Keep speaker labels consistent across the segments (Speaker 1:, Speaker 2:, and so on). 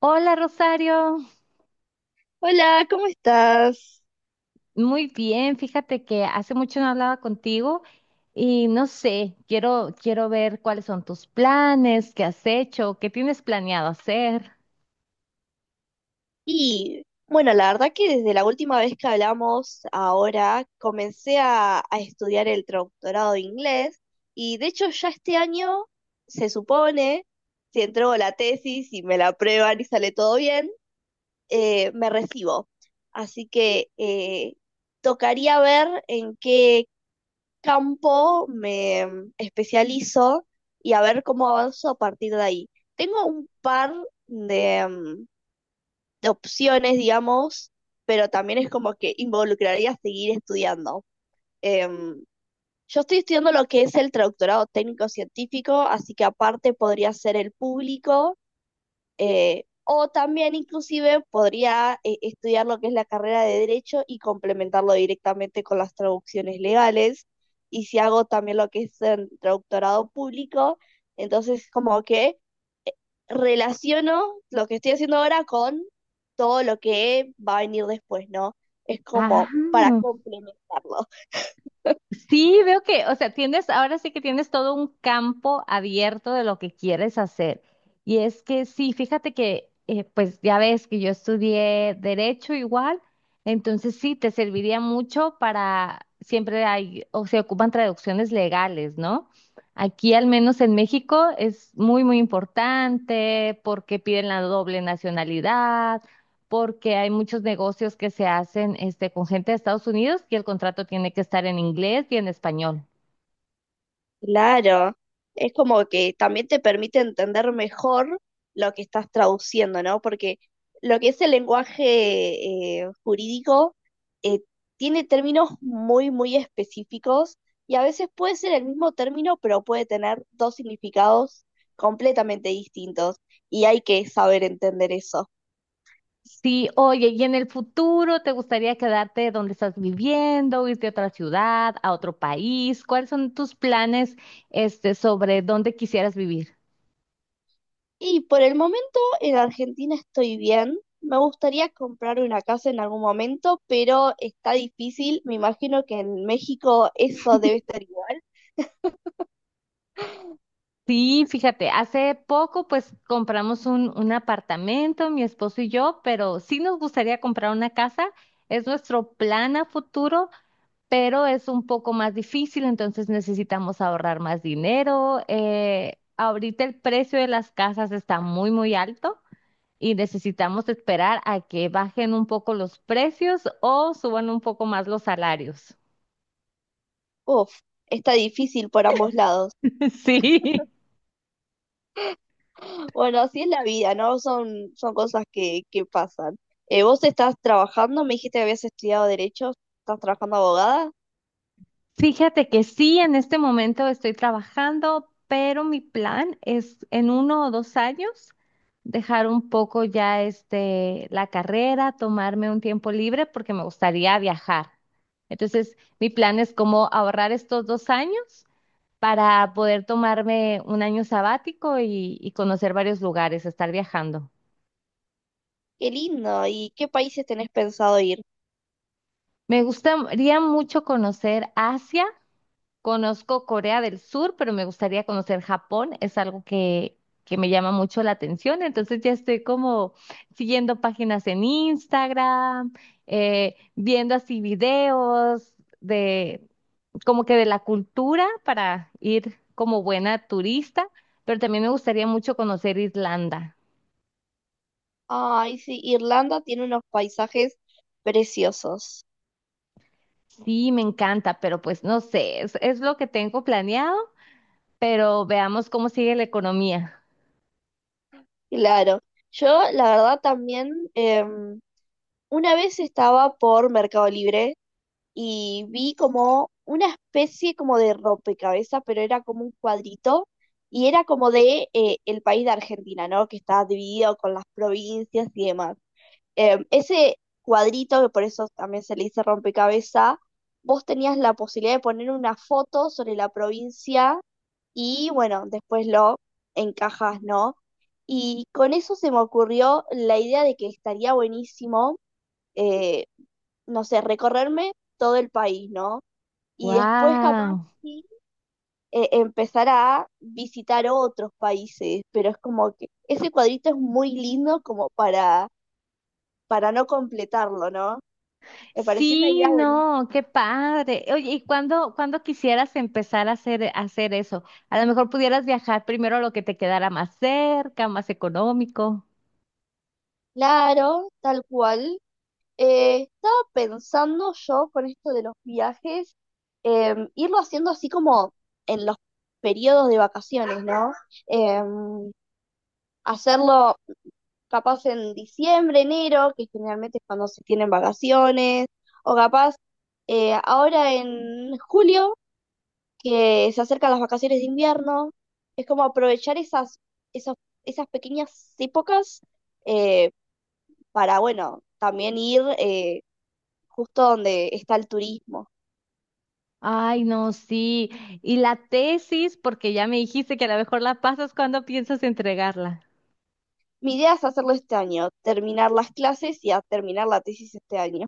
Speaker 1: Hola, Rosario,
Speaker 2: Hola, ¿cómo estás?
Speaker 1: muy bien, fíjate que hace mucho no hablaba contigo y no sé, quiero ver cuáles son tus planes, qué has hecho, qué tienes planeado hacer.
Speaker 2: Y bueno, la verdad que desde la última vez que hablamos, ahora comencé a estudiar el doctorado de inglés y de hecho ya este año se supone, si entrego la tesis y me la aprueban y sale todo bien, me recibo. Así que tocaría ver en qué campo me especializo y a ver cómo avanzo a partir de ahí. Tengo un par de... mm, de opciones, digamos, pero también es como que involucraría seguir estudiando. Em, yo estoy estudiando lo que es el traductorado técnico-científico, así que aparte podría ser el público, o también inclusive podría estudiar lo que es la carrera de derecho y complementarlo directamente con las traducciones legales. Y si hago también lo que es el traductorado público, entonces como que relaciono lo que estoy haciendo ahora con todo lo que va a venir después, ¿no? Es
Speaker 1: Ah,
Speaker 2: como para complementarlo.
Speaker 1: sí, veo que, o sea, tienes, ahora sí que tienes todo un campo abierto de lo que quieres hacer. Y es que sí, fíjate que, pues ya ves que yo estudié derecho igual, entonces sí, te serviría mucho para, siempre hay, o se ocupan traducciones legales, ¿no? Aquí, al menos en México, es muy, muy importante porque piden la doble nacionalidad porque hay muchos negocios que se hacen este, con gente de Estados Unidos y el contrato tiene que estar en inglés y en español.
Speaker 2: Claro, es como que también te permite entender mejor lo que estás traduciendo, ¿no? Porque lo que es el lenguaje jurídico eh, tiene términos muy, muy específicos y a veces puede ser el mismo término, pero puede tener dos significados completamente distintos y hay que saber entender eso.
Speaker 1: Sí, oye, ¿y en el futuro te gustaría quedarte donde estás viviendo, irte a otra ciudad, a otro país? ¿Cuáles son tus planes, este, sobre dónde quisieras vivir?
Speaker 2: Y por el momento en Argentina estoy bien. Me gustaría comprar una casa en algún momento, pero está difícil. Me imagino que en México eso debe estar igual.
Speaker 1: Sí, fíjate, hace poco pues compramos un apartamento, mi esposo y yo, pero sí nos gustaría comprar una casa. Es nuestro plan a futuro, pero es un poco más difícil, entonces necesitamos ahorrar más dinero. Ahorita el precio de las casas está muy, muy alto y necesitamos esperar a que bajen un poco los precios o suban un poco más los salarios.
Speaker 2: Uf, está difícil por ambos lados.
Speaker 1: Sí.
Speaker 2: Bueno, así es la vida, ¿no? Son cosas que pasan. Vos estás trabajando, me dijiste que habías estudiado derecho, estás trabajando abogada.
Speaker 1: Fíjate que sí, en este momento estoy trabajando, pero mi plan es en 1 o 2 años dejar un poco ya este la carrera, tomarme un tiempo libre porque me gustaría viajar. Entonces, mi plan es como ahorrar estos 2 años para poder tomarme un año sabático y conocer varios lugares, estar viajando.
Speaker 2: Qué lindo. ¿Y qué países tenés pensado ir?
Speaker 1: Me gustaría mucho conocer Asia. Conozco Corea del Sur, pero me gustaría conocer Japón. Es algo que me llama mucho la atención. Entonces ya estoy como siguiendo páginas en Instagram, viendo así videos de como que de la cultura para ir como buena turista, pero también me gustaría mucho conocer Irlanda.
Speaker 2: Ay, sí, Irlanda tiene unos paisajes preciosos.
Speaker 1: Sí, me encanta, pero pues no sé, es lo que tengo planeado, pero veamos cómo sigue la economía.
Speaker 2: Claro, yo la verdad también una vez estaba por Mercado Libre y vi como una especie como de rompecabezas, pero era como un cuadrito y era como de el país de Argentina, ¿no? Que está dividido con las provincias y demás. Ese cuadrito, que por eso también se le dice rompecabezas, vos tenías la posibilidad de poner una foto sobre la provincia y bueno, después lo encajas, ¿no? Y con eso se me ocurrió la idea de que estaría buenísimo, eh, no sé, recorrerme todo el país, ¿no? Y después capaz
Speaker 1: Wow.
Speaker 2: sí, empezar a visitar otros países, pero es como que ese cuadrito es muy lindo como para, no completarlo, ¿no? Me pareció una
Speaker 1: Sí,
Speaker 2: idea buenísima.
Speaker 1: no, qué padre. Oye, ¿y cuándo quisieras empezar a hacer eso? A lo mejor pudieras viajar primero a lo que te quedara más cerca, más económico.
Speaker 2: Claro, tal cual. Estaba pensando yo con esto de los viajes, irlo haciendo así como en los periodos de vacaciones, ¿no? Em, hacerlo capaz en diciembre, enero, que generalmente es cuando se tienen vacaciones, o capaz ahora en julio, que se acercan las vacaciones de invierno, es como aprovechar esas, esas pequeñas épocas eh, para, bueno, también ir, justo donde está el turismo.
Speaker 1: Ay, no, sí. Y la tesis, porque ya me dijiste que a lo mejor la pasas cuando piensas entregarla.
Speaker 2: Mi idea es hacerlo este año, terminar las clases y a terminar la tesis este año.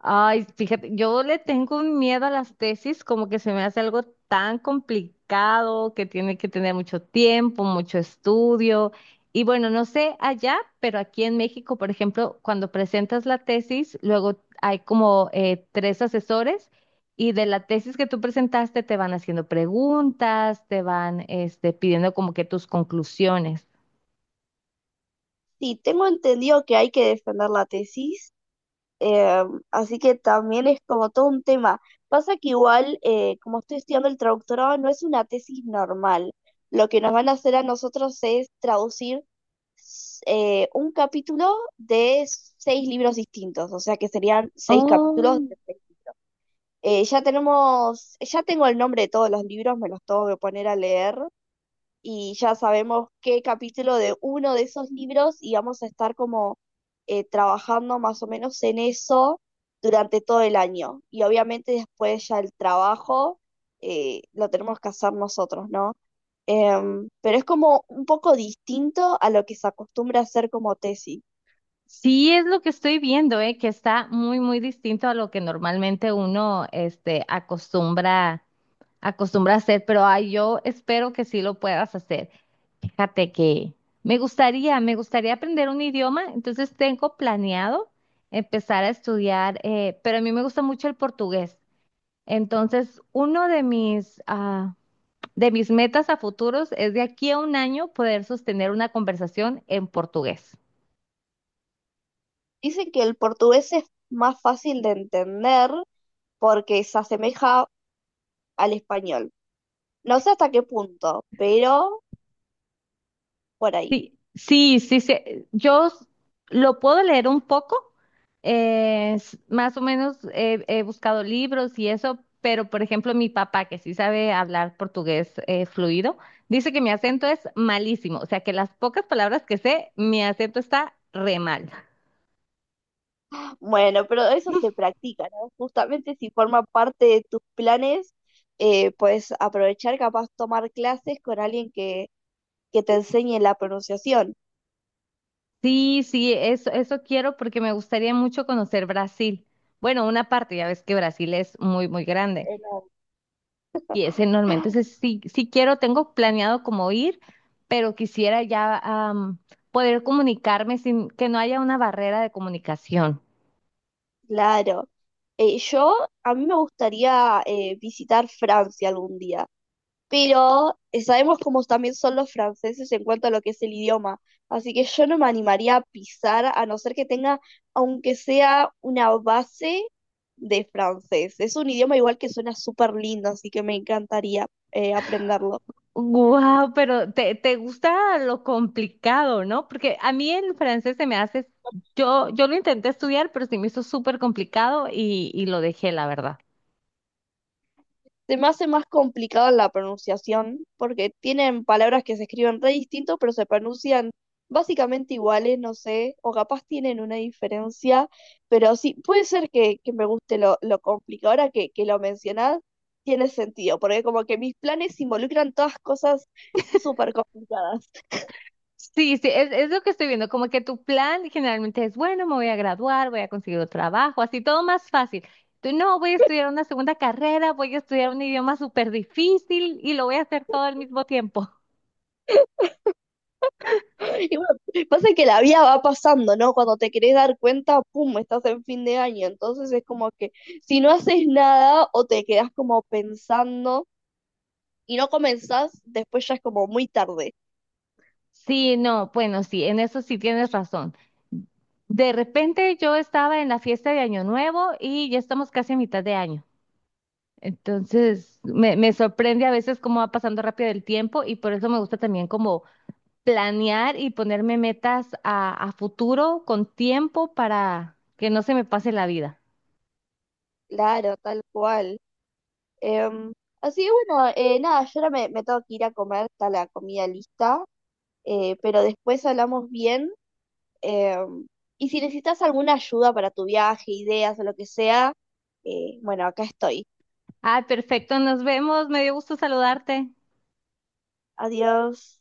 Speaker 1: Ay, fíjate, yo le tengo un miedo a las tesis, como que se me hace algo tan complicado, que tiene que tener mucho tiempo, mucho estudio. Y bueno, no sé allá, pero aquí en México, por ejemplo, cuando presentas la tesis, luego hay como 3 asesores y de la tesis que tú presentaste te van haciendo preguntas, te van este, pidiendo como que tus conclusiones.
Speaker 2: Sí, tengo entendido que hay que defender la tesis, eh, así que también es como todo un tema. Pasa que igual, como estoy estudiando el traductorado, no es una tesis normal. Lo que nos van a hacer a nosotros es traducir un capítulo de seis libros distintos, o sea que serían seis capítulos
Speaker 1: Oh.
Speaker 2: de. Ya tengo el nombre de todos los libros, me los tengo que poner a leer y ya sabemos qué capítulo de uno de esos libros y vamos a estar como trabajando más o menos en eso durante todo el año. Y obviamente después ya el trabajo lo tenemos que hacer nosotros, ¿no? Pero es como un poco distinto a lo que se acostumbra a hacer como tesis.
Speaker 1: Sí, es lo que estoy viendo, que está muy, muy distinto a lo que normalmente uno, este, acostumbra a hacer, pero ay, yo espero que sí lo puedas hacer. Fíjate que me gustaría aprender un idioma, entonces tengo planeado empezar a estudiar, pero a mí me gusta mucho el portugués. Entonces, uno de de mis metas a futuros es de aquí a un año poder sostener una conversación en portugués.
Speaker 2: Dicen que el portugués es más fácil de entender porque se asemeja al español. No sé hasta qué punto, pero por ahí.
Speaker 1: Sí, sí, sí. Yo lo puedo leer un poco, más o menos he buscado libros y eso, pero por ejemplo mi papá, que sí sabe hablar portugués fluido, dice que mi acento es malísimo, o sea que las pocas palabras que sé, mi acento está re mal.
Speaker 2: Bueno, pero eso se practica, ¿no? Justamente si forma parte de tus planes, puedes aprovechar, capaz tomar clases con alguien que, te enseñe la pronunciación.
Speaker 1: Sí, sí, eso quiero porque me gustaría mucho conocer Brasil. Bueno, una parte, ya ves que Brasil es muy, muy grande.
Speaker 2: No,
Speaker 1: Y es enorme. Entonces, sí, sí quiero, tengo planeado como ir, pero quisiera ya am, poder comunicarme sin que no haya una barrera de comunicación.
Speaker 2: claro. Eh, yo, a mí me gustaría visitar Francia algún día. Pero sabemos cómo también son los franceses en cuanto a lo que es el idioma. Así que yo no me animaría a pisar a no ser que tenga, aunque sea una base de francés. Es un idioma igual que suena súper lindo, así que me encantaría aprenderlo.
Speaker 1: Wow, pero te gusta lo complicado, ¿no? Porque a mí el francés se me hace, yo lo intenté estudiar, pero se me hizo súper complicado y lo dejé, la verdad.
Speaker 2: Se me hace más complicado la pronunciación porque tienen palabras que se escriben re distinto, pero se pronuncian básicamente iguales, no sé, o capaz tienen una diferencia, pero sí, puede ser que, me guste lo, complicado. Ahora que lo mencionás, tiene sentido, porque como que mis planes involucran todas cosas súper complicadas.
Speaker 1: Sí, sí, es lo que estoy viendo, como que tu plan generalmente es, bueno, me voy a graduar, voy a conseguir un trabajo, así todo más fácil. Tú no, voy a estudiar una segunda carrera, voy a estudiar un idioma súper difícil y lo voy a hacer todo al mismo tiempo.
Speaker 2: Y bueno, pasa que la vida va pasando, ¿no? Cuando te querés dar cuenta, pum, estás en fin de año. Entonces es como que si no haces nada o te quedás como pensando y no comenzás, después ya es como muy tarde.
Speaker 1: Sí, no, bueno, sí, en eso sí tienes razón. De repente yo estaba en la fiesta de Año Nuevo y ya estamos casi a mitad de año. Entonces, me sorprende a veces cómo va pasando rápido el tiempo y por eso me gusta también como planear y ponerme metas a futuro con tiempo para que no se me pase la vida.
Speaker 2: Claro, tal cual. Em, así que bueno, nada, yo ahora me, tengo que ir a comer, está la comida lista, pero después hablamos bien. em, y si necesitas alguna ayuda para tu viaje, ideas o lo que sea, bueno, acá estoy.
Speaker 1: Ay, perfecto, nos vemos. Me dio gusto saludarte.
Speaker 2: Adiós.